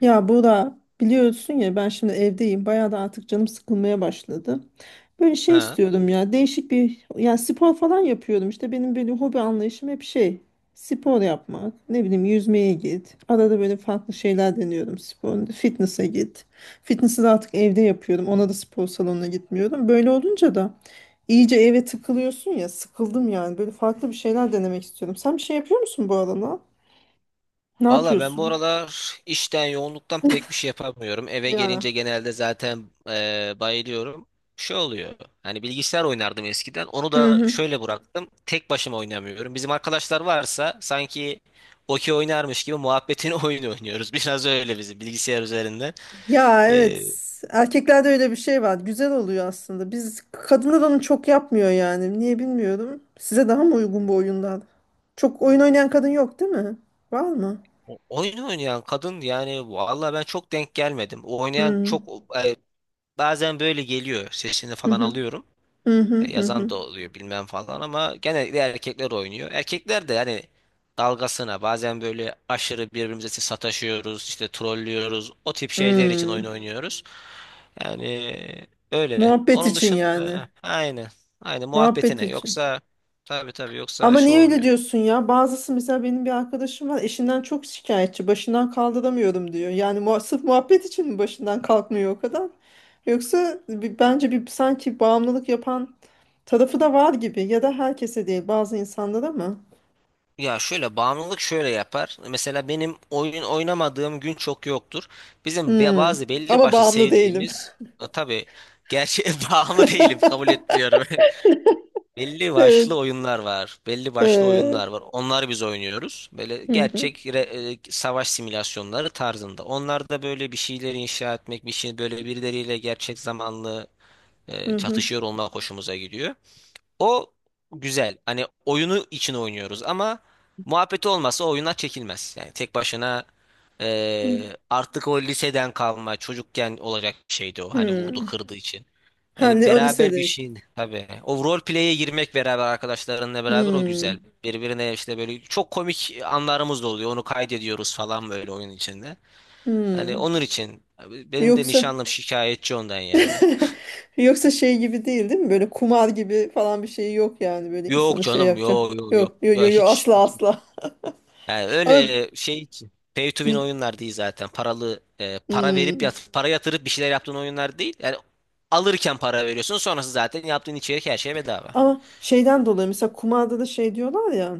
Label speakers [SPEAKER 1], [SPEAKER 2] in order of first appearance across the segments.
[SPEAKER 1] Ya Bora biliyorsun ya ben şimdi evdeyim. Bayağı da artık canım sıkılmaya başladı. Böyle şey
[SPEAKER 2] Ha.
[SPEAKER 1] istiyorum ya değişik bir yani spor falan yapıyorum. İşte benim böyle hobi anlayışım hep şey spor yapmak. Ne bileyim yüzmeye git. Arada böyle farklı şeyler deniyorum spor. Fitness'e git. Fitness'ı da artık evde yapıyorum. Ona da spor salonuna gitmiyorum. Böyle olunca da iyice eve tıkılıyorsun ya sıkıldım yani. Böyle farklı bir şeyler denemek istiyorum. Sen bir şey yapıyor musun bu arada? Ne
[SPEAKER 2] Valla ben bu
[SPEAKER 1] yapıyorsun?
[SPEAKER 2] aralar işten yoğunluktan pek bir şey yapamıyorum. Eve
[SPEAKER 1] Ya.
[SPEAKER 2] gelince genelde zaten bayılıyorum. Şey oluyor. Hani bilgisayar oynardım eskiden. Onu
[SPEAKER 1] Hı
[SPEAKER 2] da
[SPEAKER 1] hı.
[SPEAKER 2] şöyle bıraktım. Tek başıma oynamıyorum. Bizim arkadaşlar varsa sanki okey oynarmış gibi muhabbetini oyun oynuyoruz. Biraz öyle bizim bilgisayar üzerinde.
[SPEAKER 1] Ya,
[SPEAKER 2] E,
[SPEAKER 1] evet. Erkeklerde öyle bir şey var. Güzel oluyor aslında. Biz kadınlar onu çok yapmıyor yani. Niye bilmiyorum. Size daha mı uygun bu oyunlar? Çok oyun oynayan kadın yok, değil mi? Var mı?
[SPEAKER 2] Oyun oynayan kadın, yani valla ben çok denk gelmedim. O, oynayan çok,
[SPEAKER 1] Hmm.
[SPEAKER 2] e, bazen böyle geliyor. Sesini
[SPEAKER 1] Hı
[SPEAKER 2] falan
[SPEAKER 1] hı.
[SPEAKER 2] alıyorum.
[SPEAKER 1] Hı hı hı
[SPEAKER 2] Yazan
[SPEAKER 1] hı.
[SPEAKER 2] da oluyor bilmem falan, ama genellikle erkekler oynuyor. Erkekler de yani dalgasına bazen böyle aşırı birbirimize sataşıyoruz, işte trollüyoruz. O tip şeyler için oyun
[SPEAKER 1] Hmm.
[SPEAKER 2] oynuyoruz. Yani öyle.
[SPEAKER 1] Muhabbet
[SPEAKER 2] Onun
[SPEAKER 1] için yani.
[SPEAKER 2] dışında aynı. Aynı
[SPEAKER 1] Muhabbet
[SPEAKER 2] muhabbetine.
[SPEAKER 1] için.
[SPEAKER 2] Yoksa tabii tabii, yoksa
[SPEAKER 1] Ama
[SPEAKER 2] şey
[SPEAKER 1] niye öyle
[SPEAKER 2] olmuyor.
[SPEAKER 1] diyorsun ya? Bazısı, mesela benim bir arkadaşım var, eşinden çok şikayetçi. Başından kaldıramıyorum, diyor. Yani sırf muhabbet için mi başından kalkmıyor o kadar? Yoksa bence bir sanki bağımlılık yapan tarafı da var gibi. Ya da herkese değil, bazı insanlara mı?
[SPEAKER 2] Ya şöyle, bağımlılık şöyle yapar. Mesela benim oyun oynamadığım gün çok yoktur. Bizim
[SPEAKER 1] Hmm.
[SPEAKER 2] bazı belli
[SPEAKER 1] Ama
[SPEAKER 2] başlı
[SPEAKER 1] bağımlı değilim.
[SPEAKER 2] sevdiğimiz. Ha, tabii gerçeğe bağımlı değilim, kabul etmiyorum. Belli
[SPEAKER 1] Evet.
[SPEAKER 2] başlı oyunlar var. Belli başlı oyunlar
[SPEAKER 1] Ee,
[SPEAKER 2] var. Onlar biz oynuyoruz. Böyle
[SPEAKER 1] hı hı,
[SPEAKER 2] gerçek savaş simülasyonları tarzında. Onlar da böyle bir şeyleri inşa etmek, bir şey, böyle birileriyle gerçek zamanlı
[SPEAKER 1] hı hı,
[SPEAKER 2] çatışıyor olmak hoşumuza gidiyor. O güzel. Hani oyunu için oynuyoruz ama muhabbeti olmazsa oyunlar çekilmez. Yani tek başına
[SPEAKER 1] hı.
[SPEAKER 2] artık o, liseden kalma çocukken olacak bir şeydi o. Hani vurdu
[SPEAKER 1] Hmm.
[SPEAKER 2] kırdı için. Yani
[SPEAKER 1] Hani o
[SPEAKER 2] beraber bir
[SPEAKER 1] lisedeyken.
[SPEAKER 2] şeyin tabii. O role play'e girmek, beraber arkadaşlarınla beraber, o güzel.
[SPEAKER 1] Hmm.
[SPEAKER 2] Birbirine işte böyle çok komik anlarımız da oluyor. Onu kaydediyoruz falan böyle oyun içinde. Hani
[SPEAKER 1] Hmm.
[SPEAKER 2] onun için abi benim de
[SPEAKER 1] Yoksa
[SPEAKER 2] nişanlım şikayetçi ondan yani.
[SPEAKER 1] Yoksa şey gibi değil, değil mi? Böyle kumar gibi falan bir şey yok yani, böyle
[SPEAKER 2] Yok
[SPEAKER 1] insanı şey
[SPEAKER 2] canım,
[SPEAKER 1] yapacak.
[SPEAKER 2] yok, yok, yok.
[SPEAKER 1] Yok, yok,
[SPEAKER 2] Ya
[SPEAKER 1] yok, yo,
[SPEAKER 2] hiç,
[SPEAKER 1] asla, asla.
[SPEAKER 2] yani
[SPEAKER 1] Ama,
[SPEAKER 2] öyle şey için. Pay to win
[SPEAKER 1] bir-
[SPEAKER 2] oyunlar değil zaten. Paralı,
[SPEAKER 1] hmm.
[SPEAKER 2] para yatırıp bir şeyler yaptığın oyunlar değil. Yani alırken para veriyorsun, sonrası zaten yaptığın içerik, her şey bedava.
[SPEAKER 1] Ama şeyden dolayı, mesela kumarda da şey diyorlar ya,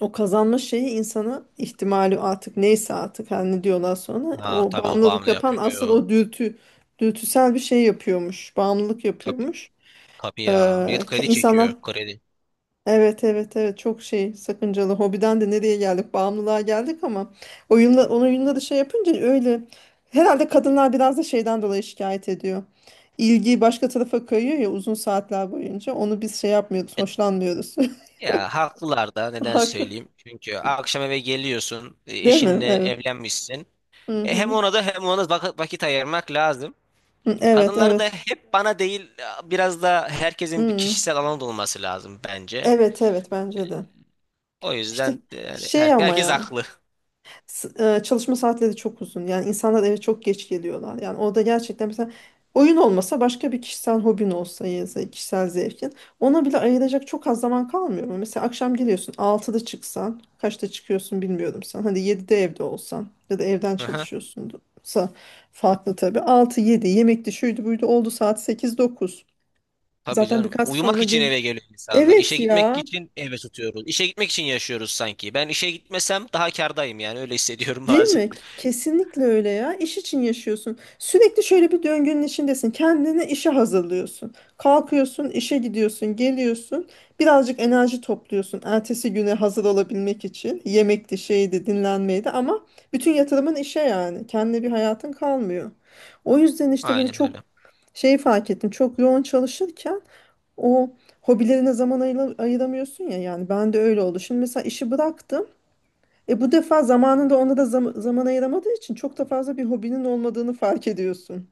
[SPEAKER 1] o kazanma şeyi insana ihtimali artık neyse, artık her ne diyorlar sonra,
[SPEAKER 2] Ha,
[SPEAKER 1] o
[SPEAKER 2] tabii o
[SPEAKER 1] bağımlılık
[SPEAKER 2] bağımlı
[SPEAKER 1] yapan asıl
[SPEAKER 2] yapıyor.
[SPEAKER 1] o dürtüsel bir şey yapıyormuş. Bağımlılık
[SPEAKER 2] Tabii.
[SPEAKER 1] yapıyormuş.
[SPEAKER 2] Tabii
[SPEAKER 1] Ee,
[SPEAKER 2] ya. Millet
[SPEAKER 1] ke-
[SPEAKER 2] kredi
[SPEAKER 1] insanlar
[SPEAKER 2] çekiyor. Kredi.
[SPEAKER 1] evet, evet, evet, çok şey sakıncalı hobiden de nereye geldik, bağımlılığa geldik ama oyunla, onun oyunla da şey yapınca öyle, herhalde kadınlar biraz da şeyden dolayı şikayet ediyor. İlgi başka tarafa kayıyor ya, uzun saatler boyunca onu biz şey yapmıyoruz,
[SPEAKER 2] E,
[SPEAKER 1] hoşlanmıyoruz.
[SPEAKER 2] Ya, haklılar da, neden
[SPEAKER 1] Haklı.
[SPEAKER 2] söyleyeyim? Çünkü akşam eve geliyorsun,
[SPEAKER 1] Değil mi?
[SPEAKER 2] eşinle
[SPEAKER 1] Evet.
[SPEAKER 2] evlenmişsin. Hem
[SPEAKER 1] Hı-hı.
[SPEAKER 2] ona da hem ona da vakit ayırmak lazım.
[SPEAKER 1] Evet,
[SPEAKER 2] Kadınları da
[SPEAKER 1] evet.
[SPEAKER 2] hep bana değil, biraz da herkesin bir
[SPEAKER 1] Hı.
[SPEAKER 2] kişisel alanı da olması lazım bence.
[SPEAKER 1] Evet, evet, bence de.
[SPEAKER 2] O
[SPEAKER 1] İşte
[SPEAKER 2] yüzden yani
[SPEAKER 1] şey ama
[SPEAKER 2] herkes
[SPEAKER 1] ya.
[SPEAKER 2] haklı.
[SPEAKER 1] S- çalışma saatleri çok uzun. Yani insanlar eve çok geç geliyorlar. Yani orada gerçekten, mesela oyun olmasa başka bir kişisel hobin olsa ya da kişisel zevkin. Ona bile ayıracak çok az zaman kalmıyor mu? Mesela akşam geliyorsun 6'da çıksan kaçta çıkıyorsun bilmiyorum sen. Hadi 7'de evde olsan ya da evden çalışıyorsunsa farklı tabii. Altı yedi yemekti, şuydu, buydu oldu, saat sekiz dokuz.
[SPEAKER 2] Tabii
[SPEAKER 1] Zaten
[SPEAKER 2] canım.
[SPEAKER 1] birkaç
[SPEAKER 2] Uyumak
[SPEAKER 1] sonra
[SPEAKER 2] için
[SPEAKER 1] gel.
[SPEAKER 2] eve geliyor insanlar. İşe
[SPEAKER 1] Evet
[SPEAKER 2] gitmek
[SPEAKER 1] ya.
[SPEAKER 2] için eve tutuyoruz. İşe gitmek için yaşıyoruz sanki. Ben işe gitmesem daha kârdayım, yani öyle hissediyorum
[SPEAKER 1] Değil
[SPEAKER 2] bazen.
[SPEAKER 1] mi? Kesinlikle öyle ya. İş için yaşıyorsun. Sürekli şöyle bir döngünün içindesin. Kendini işe hazırlıyorsun. Kalkıyorsun, işe gidiyorsun, geliyorsun. Birazcık enerji topluyorsun. Ertesi güne hazır olabilmek için. Yemekti, şeydi, dinlenmeydi ama bütün yatırımın işe yani. Kendine bir hayatın kalmıyor. O yüzden işte böyle
[SPEAKER 2] Aynen
[SPEAKER 1] çok
[SPEAKER 2] öyle.
[SPEAKER 1] şey fark ettim. Çok yoğun çalışırken o hobilerine zaman ayıramıyorsun ya. Yani ben de öyle oldu. Şimdi mesela işi bıraktım. Bu defa zamanında ona da zaman ayıramadığı için çok da fazla bir hobinin olmadığını fark ediyorsun.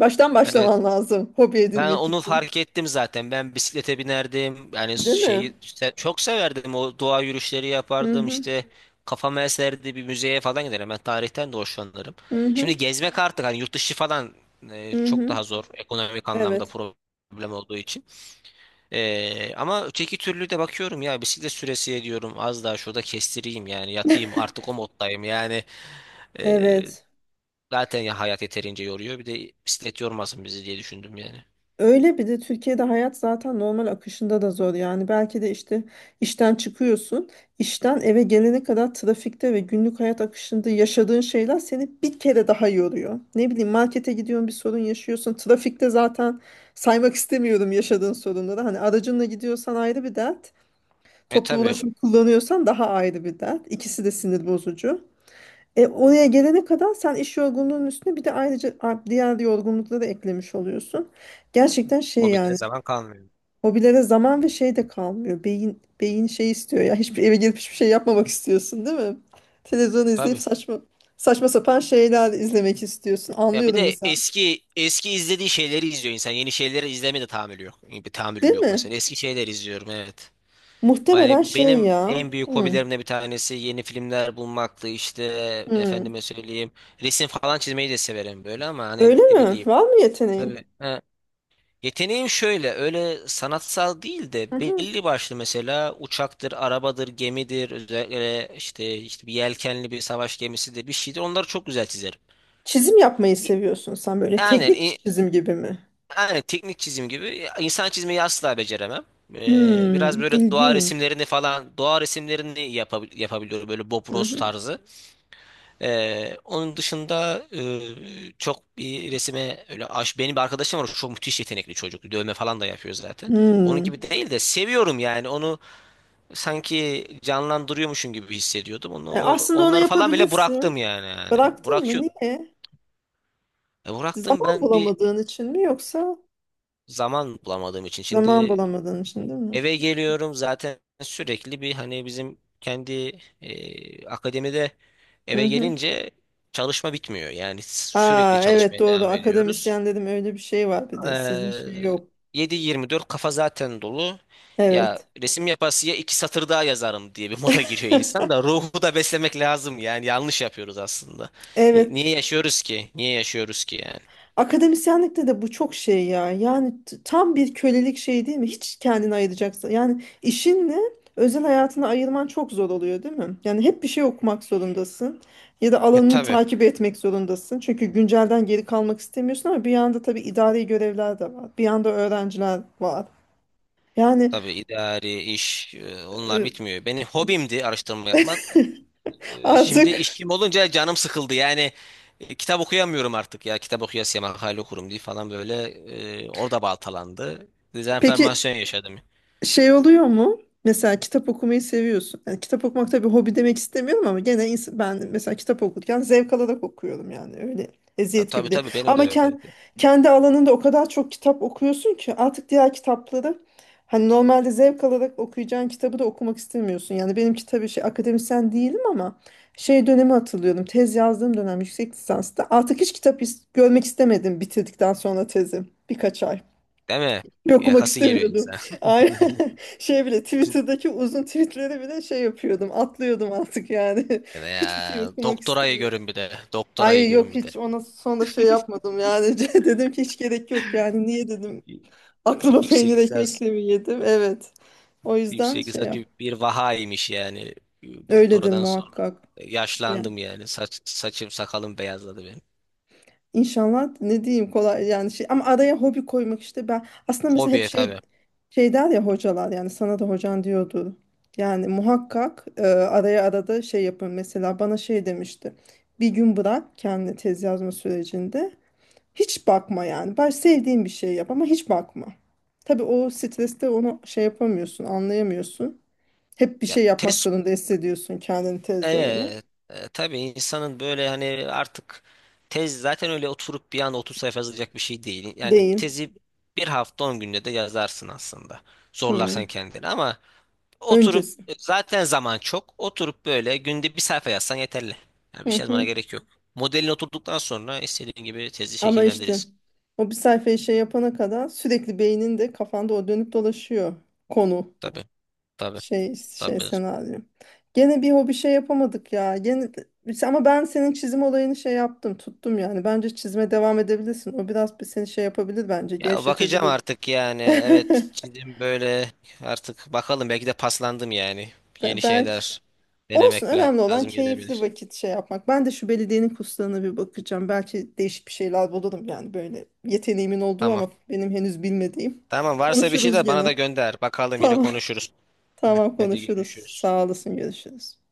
[SPEAKER 1] Baştan
[SPEAKER 2] Evet.
[SPEAKER 1] başlaman lazım hobi
[SPEAKER 2] Ben
[SPEAKER 1] edinmek
[SPEAKER 2] onu
[SPEAKER 1] için.
[SPEAKER 2] fark ettim zaten. Ben bisiklete binerdim. Yani
[SPEAKER 1] Değil
[SPEAKER 2] şeyi,
[SPEAKER 1] mi?
[SPEAKER 2] çok severdim. O doğa yürüyüşleri
[SPEAKER 1] Hı
[SPEAKER 2] yapardım
[SPEAKER 1] hı.
[SPEAKER 2] işte. Kafam eserdi, bir müzeye falan giderim. Ben tarihten de hoşlanırım.
[SPEAKER 1] Hı hı.
[SPEAKER 2] Şimdi gezmek artık, hani yurt dışı falan,
[SPEAKER 1] Hı
[SPEAKER 2] çok
[SPEAKER 1] hı.
[SPEAKER 2] daha zor. Ekonomik anlamda
[SPEAKER 1] Evet.
[SPEAKER 2] problem olduğu için. Ama öteki türlü de bakıyorum ya, bisiklet süresi diyorum, az daha şurada kestireyim yani, yatayım artık, o moddayım yani. Ee,
[SPEAKER 1] Evet.
[SPEAKER 2] Zaten ya, hayat yeterince yoruyor, bir de bisiklet yormasın bizi diye düşündüm yani.
[SPEAKER 1] Öyle, bir de Türkiye'de hayat zaten normal akışında da zor. Yani belki de işte işten çıkıyorsun, işten eve gelene kadar trafikte ve günlük hayat akışında yaşadığın şeyler seni bir kere daha yoruyor. Ne bileyim, markete gidiyorsun, bir sorun yaşıyorsun. Trafikte zaten saymak istemiyorum yaşadığın sorunları. Hani aracınla gidiyorsan ayrı bir dert,
[SPEAKER 2] E
[SPEAKER 1] toplu
[SPEAKER 2] tabii,
[SPEAKER 1] ulaşım kullanıyorsan daha ayrı bir dert. İkisi de sinir bozucu. Oraya gelene kadar sen iş yorgunluğunun üstüne bir de ayrıca diğer yorgunlukları eklemiş oluyorsun. Gerçekten şey
[SPEAKER 2] hobilere
[SPEAKER 1] yani.
[SPEAKER 2] zaman kalmıyor.
[SPEAKER 1] Hobilere zaman ve şey de kalmıyor. Beyin beyin şey istiyor ya. Eve gelip hiçbir şey yapmamak istiyorsun, değil mi? Televizyon izleyip
[SPEAKER 2] Tabii.
[SPEAKER 1] saçma sapan şeyler izlemek istiyorsun.
[SPEAKER 2] Ya bir
[SPEAKER 1] Anlıyorum
[SPEAKER 2] de
[SPEAKER 1] mesela.
[SPEAKER 2] eski eski izlediği şeyleri izliyor insan. Yeni şeyleri izleme de tahammülü yok. Bir
[SPEAKER 1] Değil
[SPEAKER 2] tahammülüm yok
[SPEAKER 1] mi?
[SPEAKER 2] mesela. Eski şeyler izliyorum, evet. Yani
[SPEAKER 1] Muhtemelen şey
[SPEAKER 2] benim
[SPEAKER 1] ya.
[SPEAKER 2] en büyük
[SPEAKER 1] Hmm,
[SPEAKER 2] hobilerimden bir tanesi yeni filmler bulmaktı, işte efendime
[SPEAKER 1] hmm.
[SPEAKER 2] söyleyeyim. Resim falan çizmeyi de severim böyle, ama hani
[SPEAKER 1] Öyle
[SPEAKER 2] ne
[SPEAKER 1] mi?
[SPEAKER 2] bileyim.
[SPEAKER 1] Var mı yeteneğin?
[SPEAKER 2] Tabii. Ha, yeteneğim şöyle, öyle sanatsal değil de,
[SPEAKER 1] Hı-hı.
[SPEAKER 2] belli başlı mesela uçaktır, arabadır, gemidir, özellikle işte, işte bir yelkenli, bir savaş gemisidir, bir şeydir, onları çok güzel çizerim.
[SPEAKER 1] Çizim yapmayı
[SPEAKER 2] E,
[SPEAKER 1] seviyorsun sen, böyle
[SPEAKER 2] Aynen.
[SPEAKER 1] teknik iş çizim gibi mi?
[SPEAKER 2] Yani teknik çizim gibi, insan çizmeyi asla beceremem.
[SPEAKER 1] Hmm,
[SPEAKER 2] Biraz böyle doğa
[SPEAKER 1] ilginç.
[SPEAKER 2] resimlerini falan, doğa resimlerini yapabiliyorum, böyle Bob Ross
[SPEAKER 1] Hı-hı.
[SPEAKER 2] tarzı. Onun dışında çok bir resime öyle aş, benim bir arkadaşım var, çok müthiş yetenekli çocuk. Dövme falan da yapıyor zaten. Onun
[SPEAKER 1] Hmm.
[SPEAKER 2] gibi değil de, seviyorum yani, onu sanki canlandırıyormuşum gibi hissediyordum. Onu
[SPEAKER 1] E, aslında onu
[SPEAKER 2] onları falan bile
[SPEAKER 1] yapabilirsin.
[SPEAKER 2] bıraktım yani.
[SPEAKER 1] Bıraktın
[SPEAKER 2] Bırak
[SPEAKER 1] mı?
[SPEAKER 2] şu-
[SPEAKER 1] Niye?
[SPEAKER 2] Bıraktım
[SPEAKER 1] Zaman
[SPEAKER 2] ben, bir
[SPEAKER 1] bulamadığın için mi yoksa?
[SPEAKER 2] zaman bulamadığım için. Şimdi
[SPEAKER 1] Zaman bulamadığın için, değil mi?
[SPEAKER 2] eve geliyorum zaten, sürekli bir, hani bizim kendi, akademide
[SPEAKER 1] Hı
[SPEAKER 2] eve
[SPEAKER 1] hı.
[SPEAKER 2] gelince çalışma bitmiyor. Yani sürekli
[SPEAKER 1] Aa, evet,
[SPEAKER 2] çalışmaya
[SPEAKER 1] doğru,
[SPEAKER 2] devam ediyoruz.
[SPEAKER 1] akademisyen dedim, öyle bir şey var, bir de sizin
[SPEAKER 2] Ee,
[SPEAKER 1] şey yok.
[SPEAKER 2] 7/24 kafa zaten dolu. Ya
[SPEAKER 1] Evet.
[SPEAKER 2] resim yapası ya iki satır daha yazarım diye bir moda giriyor insan, da ruhu da beslemek lazım yani, yanlış yapıyoruz aslında.
[SPEAKER 1] Evet.
[SPEAKER 2] Niye yaşıyoruz ki? Niye yaşıyoruz ki yani?
[SPEAKER 1] Akademisyenlikte de bu çok şey ya. Yani tam bir kölelik şey, değil mi? Hiç kendini ayıracaksın. Yani işinle özel hayatını ayırman çok zor oluyor, değil mi? Yani hep bir şey okumak zorundasın. Ya da alanını
[SPEAKER 2] Tabii
[SPEAKER 1] takip etmek zorundasın. Çünkü güncelden geri kalmak istemiyorsun ama bir yanda tabii idari görevler de var. Bir yanda öğrenciler var. Yani
[SPEAKER 2] tabii, idari iş onlar
[SPEAKER 1] e,
[SPEAKER 2] bitmiyor. Benim hobimdi araştırma yapmak. Şimdi
[SPEAKER 1] artık.
[SPEAKER 2] işim olunca canım sıkıldı. Yani kitap okuyamıyorum artık ya. Kitap okuyasıya makale okurum diye falan, böyle orada baltalandı.
[SPEAKER 1] Peki
[SPEAKER 2] Dezenformasyon yaşadım.
[SPEAKER 1] şey oluyor mu? Mesela kitap okumayı seviyorsun. Yani kitap okumak, tabii hobi demek istemiyorum ama gene ben mesela kitap okurken zevk alarak okuyorum yani, öyle
[SPEAKER 2] Ya,
[SPEAKER 1] eziyet
[SPEAKER 2] tabii
[SPEAKER 1] gibi de.
[SPEAKER 2] tabii, benim de
[SPEAKER 1] Ama
[SPEAKER 2] öyleydi.
[SPEAKER 1] kendi alanında o kadar çok kitap okuyorsun ki artık diğer kitapları, hani normalde zevk alarak okuyacağın kitabı da okumak istemiyorsun. Yani benimki tabii şey, akademisyen değilim ama şey dönemi hatırlıyorum. Tez yazdığım dönem, yüksek lisansta artık hiç kitap görmek istemedim bitirdikten sonra tezi, birkaç ay.
[SPEAKER 2] Değil mi?
[SPEAKER 1] Yok, okumak
[SPEAKER 2] Yakası geliyor
[SPEAKER 1] istemiyordum.
[SPEAKER 2] insan.
[SPEAKER 1] Aynen. Şey bile, Twitter'daki uzun tweetleri bile şey yapıyordum. Atlıyordum artık yani.
[SPEAKER 2] Ya,
[SPEAKER 1] Hiçbir şey
[SPEAKER 2] ya,
[SPEAKER 1] okumak
[SPEAKER 2] doktorayı
[SPEAKER 1] istemiyordum.
[SPEAKER 2] görün bir de. Doktorayı
[SPEAKER 1] Ay,
[SPEAKER 2] görün
[SPEAKER 1] yok,
[SPEAKER 2] bir de.
[SPEAKER 1] hiç ona sonra şey yapmadım yani. Dedim ki hiç gerek yok yani. Niye dedim
[SPEAKER 2] Y-
[SPEAKER 1] aklıma, peynir
[SPEAKER 2] Yüksek lisans,
[SPEAKER 1] ekmekle mi yedim? Evet. O yüzden
[SPEAKER 2] Yüksek
[SPEAKER 1] şey
[SPEAKER 2] lisans
[SPEAKER 1] yap.
[SPEAKER 2] bir vahaymış yani.
[SPEAKER 1] Öyle dedim
[SPEAKER 2] Doktoradan sonra.
[SPEAKER 1] muhakkak. Yani
[SPEAKER 2] Yaşlandım yani. Saçım sakalım beyazladı benim.
[SPEAKER 1] İnşallah ne diyeyim, kolay yani şey, ama araya hobi koymak işte, ben aslında mesela hep
[SPEAKER 2] Hobi tabii.
[SPEAKER 1] şey der ya hocalar, yani sana da hocan diyordu. Yani muhakkak araya, arada şey yapın, mesela bana şey demişti. Bir gün bırak, kendi tez yazma sürecinde hiç bakma yani. Ben sevdiğin bir şey yap ama hiç bakma. Tabii o streste onu şey yapamıyorsun, anlayamıyorsun. Hep bir
[SPEAKER 2] Ya
[SPEAKER 1] şey yapmak
[SPEAKER 2] test
[SPEAKER 1] zorunda hissediyorsun kendini tez dönemi.
[SPEAKER 2] Evet, tabii, insanın böyle, hani artık tez zaten öyle oturup bir anda 30 sayfa yazacak bir şey değil. Yani
[SPEAKER 1] Değil.
[SPEAKER 2] tezi bir hafta 10 günde de yazarsın aslında.
[SPEAKER 1] Hı.
[SPEAKER 2] Zorlarsan kendini, ama oturup,
[SPEAKER 1] Öncesi.
[SPEAKER 2] zaten zaman çok. Oturup böyle günde bir sayfa yazsan yeterli. Yani
[SPEAKER 1] Hı
[SPEAKER 2] bir şey yazmana
[SPEAKER 1] hı.
[SPEAKER 2] gerek yok. Modelini oturduktan sonra istediğin gibi tezi
[SPEAKER 1] Ama işte
[SPEAKER 2] şekillendirirsin.
[SPEAKER 1] o bir sayfayı şey yapana kadar sürekli beyninde, kafanda o dönüp dolaşıyor konu,
[SPEAKER 2] Tabii, tabii,
[SPEAKER 1] şey
[SPEAKER 2] tabii.
[SPEAKER 1] senaryo. Gene bir hobi şey yapamadık ya. Gene, ama ben senin çizim olayını şey yaptım, tuttum yani. Bence çizime devam edebilirsin. O biraz bir seni şey yapabilir bence,
[SPEAKER 2] Ya, bakacağım
[SPEAKER 1] gevşetebilir.
[SPEAKER 2] artık yani. Evet, çizim böyle, artık bakalım, belki de paslandım yani. Yeni
[SPEAKER 1] Belki
[SPEAKER 2] şeyler
[SPEAKER 1] olsun,
[SPEAKER 2] denemek
[SPEAKER 1] önemli olan
[SPEAKER 2] lazım
[SPEAKER 1] keyifli
[SPEAKER 2] gelebilir.
[SPEAKER 1] vakit şey yapmak. Ben de şu belediyenin kurslarına bir bakacağım. Belki değişik bir şeyler bulurum yani, böyle yeteneğimin olduğu
[SPEAKER 2] Tamam.
[SPEAKER 1] ama benim henüz bilmediğim.
[SPEAKER 2] Tamam, varsa bir şey
[SPEAKER 1] Konuşuruz
[SPEAKER 2] de bana da
[SPEAKER 1] gene.
[SPEAKER 2] gönder. Bakalım, yine
[SPEAKER 1] Tamam,
[SPEAKER 2] konuşuruz.
[SPEAKER 1] tamam,
[SPEAKER 2] Hadi,
[SPEAKER 1] konuşuruz.
[SPEAKER 2] görüşürüz.
[SPEAKER 1] Sağ olasın, görüşürüz.